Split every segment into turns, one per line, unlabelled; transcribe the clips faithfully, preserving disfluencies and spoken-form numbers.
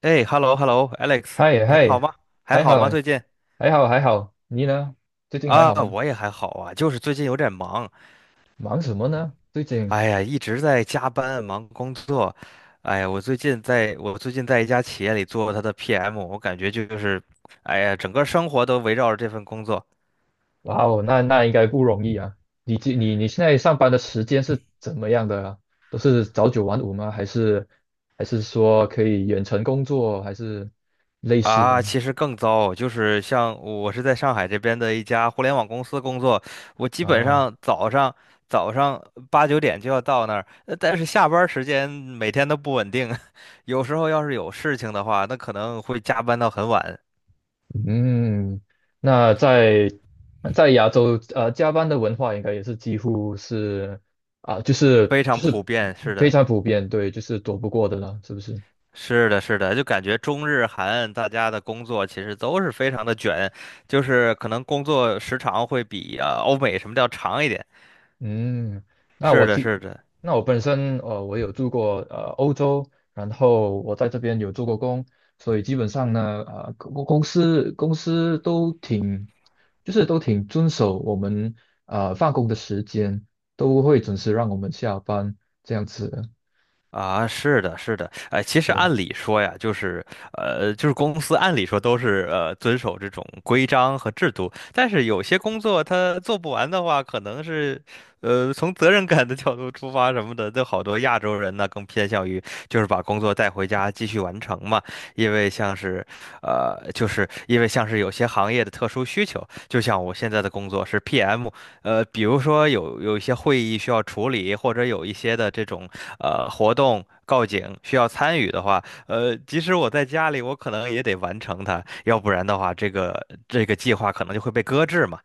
哎，hello，hello，Alex，
嗨
你还好
嗨。
吗？还
还
好
好，
吗？最近
还好，还好。你呢？最近还
啊，
好吗？
我也还好啊，就是最近有点忙。
忙什么呢？最近，
哎呀，一直在加班忙工作。哎呀，我最近在我最近在一家企业里做他的 P M，我感觉就是，哎呀，整个生活都围绕着这份工作。
哇哦，那那应该不容易啊。你这你你现在上班的时间是怎么样的啊？都是早九晚五吗？还是还是说可以远程工作，还是类似的
啊，其实更糟，就是像我是在上海这边的一家互联网公司工作，我基本
啊？
上早上早上八九点就要到那儿，呃但是下班儿时间每天都不稳定，有时候要是有事情的话，那可能会加班到很晚，
嗯，那在在亚洲，呃，加班的文化应该也是几乎是啊，就是
非常
就
普
是
遍。是
非
的，
常普遍，对，就是躲不过的了，是不是？
是的，是的，就感觉中日韩大家的工作其实都是非常的卷，就是可能工作时长会比啊欧美什么的要长一点。
嗯，那我
是的，
记，
是的。
那我本身呃，我有住过呃欧洲，然后我在这边有做过工，所以基本上呢，呃，公公司公司都挺，就是都挺遵守我们呃放工的时间，都会准时让我们下班这样子的。
啊，是的，是的，哎，其实
对
按理说呀，就是，呃，就是公司按理说都是呃遵守这种规章和制度，但是有些工作他做不完的话，可能是，呃，从责任感的角度出发什么的，这好多亚洲人呢更偏向于就是把工作带回家继续完成嘛。因为像是，呃，就是因为像是有些行业的特殊需求，就像我现在的工作是 P M。呃，比如说有有一些会议需要处理，或者有一些的这种呃活动告警需要参与的话，呃，即使我在家里，我可能也得完成它，要不然的话，这个这个计划可能就会被搁置嘛。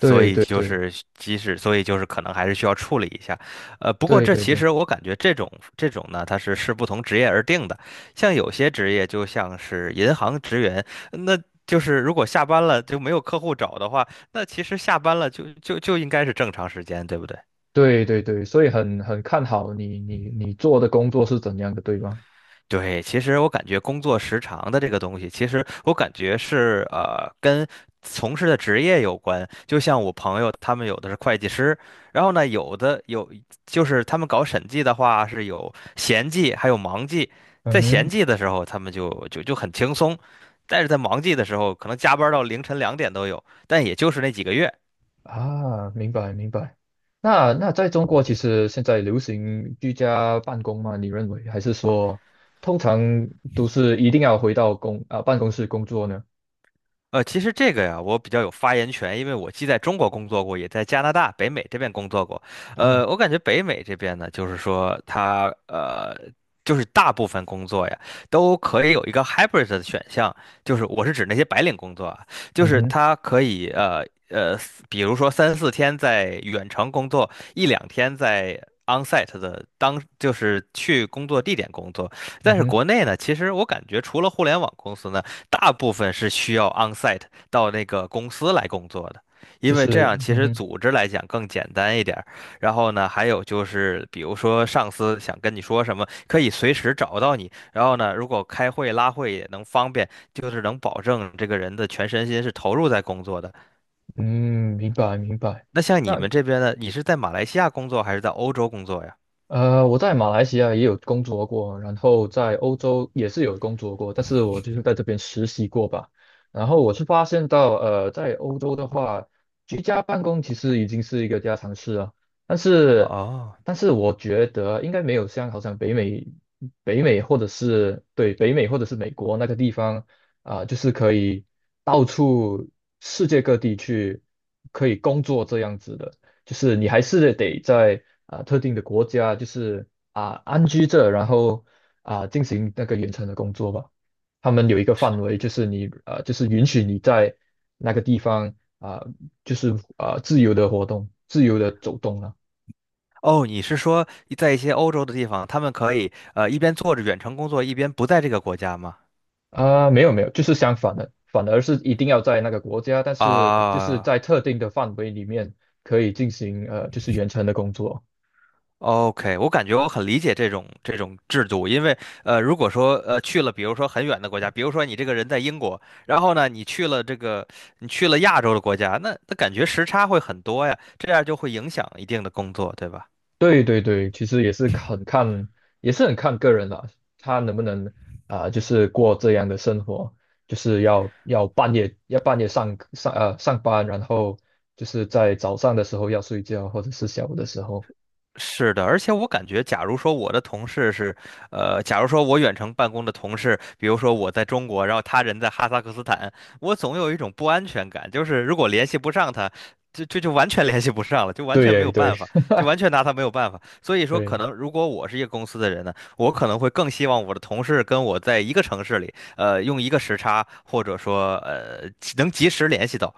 所以
对
就
对
是即使，所以就是可能还是需要处理一下。呃，不过
对
这
对
其
对
实我感觉这种这种呢，它是视不同职业而定的，像有些职业就像是银行职员，那就是如果下班了就没有客户找的话，那其实下班了就就就应该是正常时间，对不对？
对对对，所以很很看好你你你做的工作是怎样的，对吧？
对，其实我感觉工作时长的这个东西，其实我感觉是呃跟从事的职业有关。就像我朋友他们有的是会计师，然后呢有的有就是他们搞审计的话是有闲季还有忙季。
嗯
在闲
哼
季的时候他们就就就很轻松，但是在忙季的时候可能加班到凌晨两点都有，但也就是那几个月。
啊，明白明白。那那在中国，其实现在流行居家办公吗？你认为，还是说通常都是一定要回到公啊办公室工作呢？
呃，其实这个呀，我比较有发言权，因为我既在中国工作过，也在加拿大、北美这边工作过。呃，
啊，
我感觉北美这边呢，就是说它呃，就是大部分工作呀，都可以有一个 hybrid 的选项，就是我是指那些白领工作啊，就
嗯
是
哼，
它可以呃呃，比如说三四天在远程工作，一两天在 onsite 的当，就是去工作地点工作。
嗯
但是
哼，
国内呢，其实我感觉除了互联网公司呢，大部分是需要 onsite 到那个公司来工作的，
就
因为这
是
样其
嗯
实
哼，
组织来讲更简单一点儿。然后呢，还有就是，比如说上司想跟你说什么，可以随时找到你。然后呢，如果开会拉会也能方便，就是能保证这个人的全身心是投入在工作的。
嗯，明白明白。
那像你
那
们这边呢，你是在马来西亚工作还是在欧洲工作呀？
呃，我在马来西亚也有工作过，然后在欧洲也是有工作过，但是我就是在这边实习过吧。然后我是发现到，呃，在欧洲的话，居家办公其实已经是一个家常事了。但是，
哦。
但是我觉得应该没有像好像北美、北美或者是对北美或者是美国那个地方啊、就是可以到处世界各地去可以工作这样子的。就是你还是得在啊、特定的国家，就是啊、安居着，然后啊、进行那个远程的工作吧。他们有一个范围，就是你啊、就是允许你在那个地方啊、就是啊、自由的活动，自由的走动了。
哦，你是说在一些欧洲的地方，他们可以呃一边做着远程工作，一边不在这个国家吗？
啊、没有没有，就是相反的，反而是一定要在那个国家，但是就是
啊、
在特定的范围里面可以进行呃，就是远程的工作。
OK，我感觉我很理解这种这种制度。因为呃，如果说呃去了，比如说很远的国家，比如说你这个人在英国，然后呢你去了这个你去了亚洲的国家，那那感觉时差会很多呀，这样就会影响一定的工作，对吧？
对对对，其实也是很看，也是很看个人啦，他能不能啊、就是过这样的生活，就是要要半夜要半夜上上呃上班，然后就是在早上的时候要睡觉，或者是下午的时候。
是的，而且我感觉，假如说我的同事是，呃，假如说我远程办公的同事，比如说我在中国，然后他人在哈萨克斯坦，我总有一种不安全感，就是如果联系不上他，就就就完全联系不上了，就完
对
全没
耶
有
对
办法，就完全拿他没有办法。所以说，可
对，
能如果我是一个公司的人呢，我可能会更希望我的同事跟我在一个城市里，呃，用一个时差，或者说呃，能及时联系到。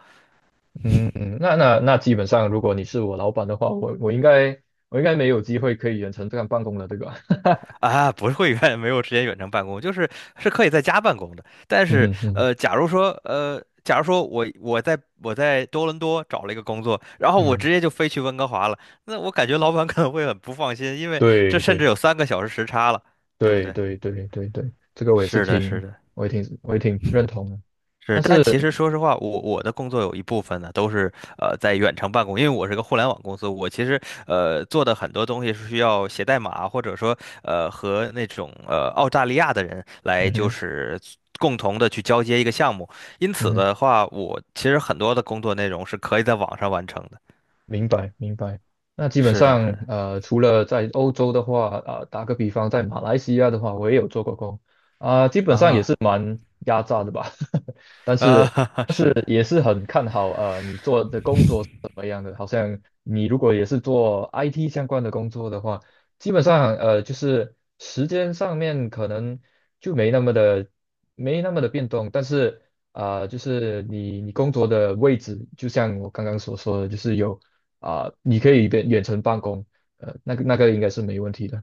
嗯嗯，那那那基本上，如果你是我老板的话，我我应该我应该没有机会可以远程这样办公了，对吧？
啊，不是会员没有时间远程办公，就是是可以在家办公的。但是，
嗯嗯
呃，假如说，呃，假如说我我在我在多伦多找了一个工作，然后我
嗯，
直接就飞去温哥华了，那我感觉老板可能会很不放心，因为这
对
甚至
对。
有三个小时时差了，对不
对
对？
对对对对，这个我也是
是的，是
挺，
的。
我也挺，我也挺认同的。
是，但其实说实话，我我的工作有一部分呢都是呃在远程办公，因为我是个互联网公司，我其实呃做的很多东西是需要写代码，或者说呃和那种呃澳大利亚的人来
嗯
就
哼，
是共同的去交接一个项目，因
嗯
此
哼，
的话，我其实很多的工作内容是可以在网上完成的。
明白明白。那基本
是的，是
上，
的，
呃，除了在欧洲的话，啊、打个比方，在马来西亚的话，我也有做过工，啊、基本上也
啊
是蛮压榨的吧。但是。
啊，是的，
也是很看好呃你做的工作是怎么样的。好像你如果也是做 I T 相关的工作的话，基本上呃就是时间上面可能就没那么的没那么的变动，但是啊、呃就是你你工作的位置，就像我刚刚所说的，就是有啊、你可以远远程办公，呃那个那个应该是没问题的。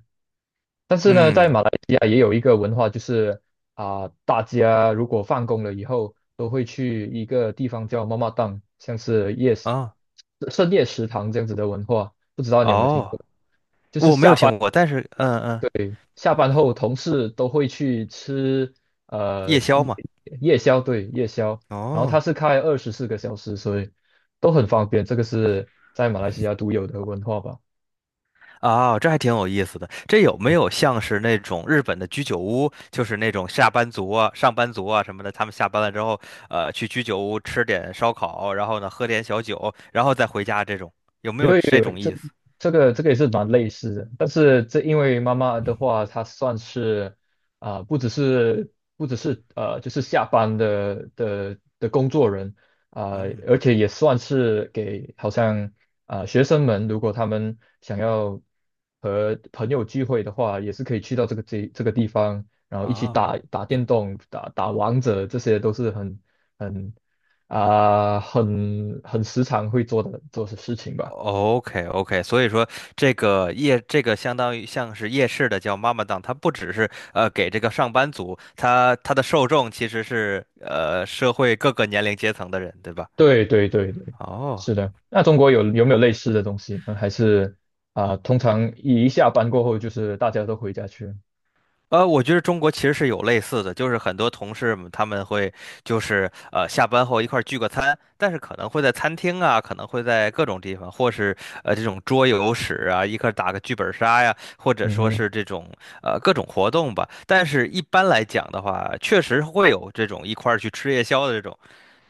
但是呢，在
嗯
马来西亚也有一个文化，就是啊、大家如果放工了以后，都会去一个地方叫妈妈档，像是夜市、
啊
深夜食堂这样子的文化，不知道你有没有听
哦，
过？
我没有听过，但是嗯嗯，
对，下班后同事都会去吃呃
夜宵
夜
嘛。
夜宵，对，夜宵，然后它
哦。
是开二十四个小时，所以都很方便。这个是在马来西亚独有的文化吧。
啊，这还挺有意思的。这有没有像是那种日本的居酒屋，就是那种下班族啊、上班族啊什么的，他们下班了之后，呃，去居酒屋吃点烧烤，然后呢喝点小酒，然后再回家这种，有没
因
有
为
这
有，
种
这
意思？
这个这个也是蛮类似的，但是这因为妈妈的话，她算是啊、不只是不只是呃，就是下班的的的工作人啊、
嗯，
而且也算是给好像啊、学生们，如果他们想要和朋友聚会的话，也是可以去到这个这这个地方，然后一起
啊
打打电动、打打王者，这些都是很很啊、很很时常会做的做的事情吧。
，OK OK，所以说这个夜这个相当于像是夜市的叫妈妈档，它不只是呃给这个上班族，它它的受众其实是呃社会各个年龄阶层的人，对吧？
对对对对，
哦。
是的。那中国有有没有类似的东西呢？还是啊、通常一下班过后就是大家都回家去了。
呃，我觉得中国其实是有类似的，就是很多同事们他们会就是呃下班后一块儿聚个餐，但是可能会在餐厅啊，可能会在各种地方，或是呃这种桌游室啊，一块儿打个剧本杀呀，或者
嗯
说
哼，
是这种呃各种活动吧。但是一般来讲的话，确实会有这种一块儿去吃夜宵的这种。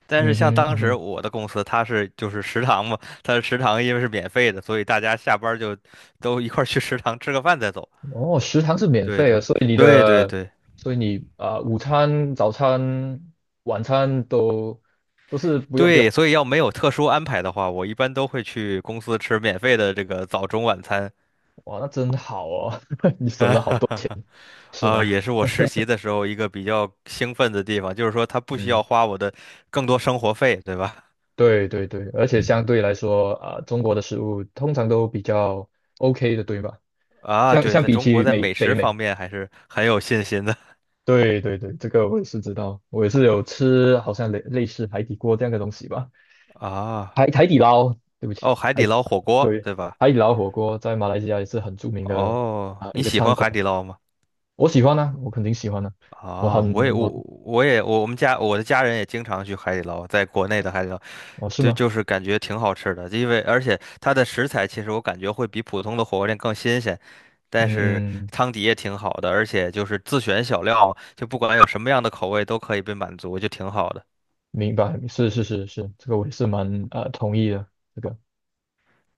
但是
嗯
像
哼，
当
嗯
时
哼。
我的公司，它是就是食堂嘛，它的食堂因为是免费的，所以大家下班儿就都一块儿去食堂吃个饭再走。
哦，食堂是免
对
费的，
对
所以你
对对
的，
对。
所以你啊、午餐、早餐、晚餐都都是不用不用。
对，所以要没有特殊安排的话，我一般都会去公司吃免费的这个早中晚餐。
哇，那真好哦，你省了好多钱，是
啊，
吗？
也是我实习的时候一个比较兴奋的地方，就是说他不需要
嗯，
花我的更多生活费，对吧？
对对对，而且相对来说啊、中国的食物通常都比较 OK 的，对吧？
啊，
相
对，
相
在
比
中国
起
在
美
美
北
食
美。
方面还是很有信心的
对对对，这个我也是知道，我也是有吃，好像类类似海底锅这样的东西吧，
啊。
海海底捞，对不起，
哦，海底
海，
捞火锅，
对，
对吧？
海底捞火锅在马来西亚也是很著名的
哦，
啊、一
你
个
喜
餐
欢
馆，
海底捞吗？
我喜欢呢，我肯定喜欢呢，我
啊，
很
我也我
我
我也我我们家我的家人也经常去海底捞，在国内的海底捞。
我是
对，
吗？
就是感觉挺好吃的，因为而且它的食材其实我感觉会比普通的火锅店更新鲜，但是
嗯，
汤底也挺好的，而且就是自选小料，就不管有什么样的口味都可以被满足，就挺好的。
明白，是是是是，这个我也是蛮呃同意的，这个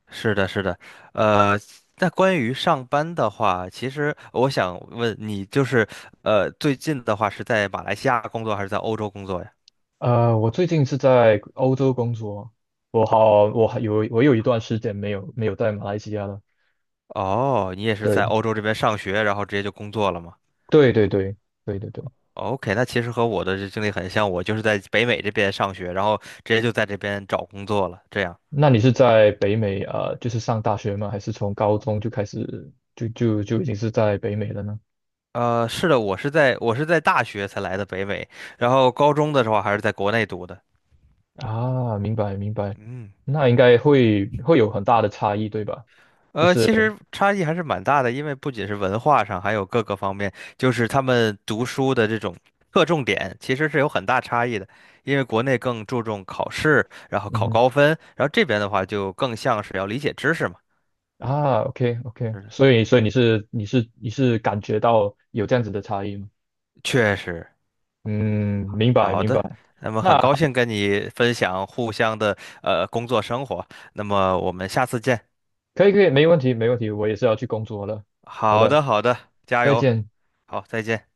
是的，是的，呃，那关于上班的话，其实我想问你，就是呃，最近的话是在马来西亚工作还是在欧洲工作呀？
呃，我最近是在欧洲工作，我好，我还有我有一段时间没有没有在马来西亚了，
哦，你也是在
对
欧洲这边上学，然后直接就工作了吗？
对对对对对对。
OK，那其实和我的这经历很像，我就是在北美这边上学，然后直接就在这边找工作了，这样。
那你是在北美啊，呃就是上大学吗？还是从高中就开始就就就已经是在北美了呢？
呃，是的，我是在我是在大学才来的北美，然后高中的时候还是在国内读的。
啊，明白明白，
嗯，
那应该会会有很大的差异，对吧？就
呃，
是
其实差异还是蛮大的，因为不仅是文化上，还有各个方面，就是他们读书的这种侧重点其实是有很大差异的。因为国内更注重考试，然后
嗯
考
哼
高分，然后这边的话就更像是要理解知识嘛。
啊，OK OK，
是的，
所以所以你是你是你是感觉到有这样子的差异吗？
确实。
嗯，明白
好
明
的，
白，
那么很
那
高兴跟你分享互相的呃工作生活，那么我们下次见。
可以可以，没问题没问题，我也是要去工作了。好
好
的，
的，好的，加
再
油，
见。
好，再见。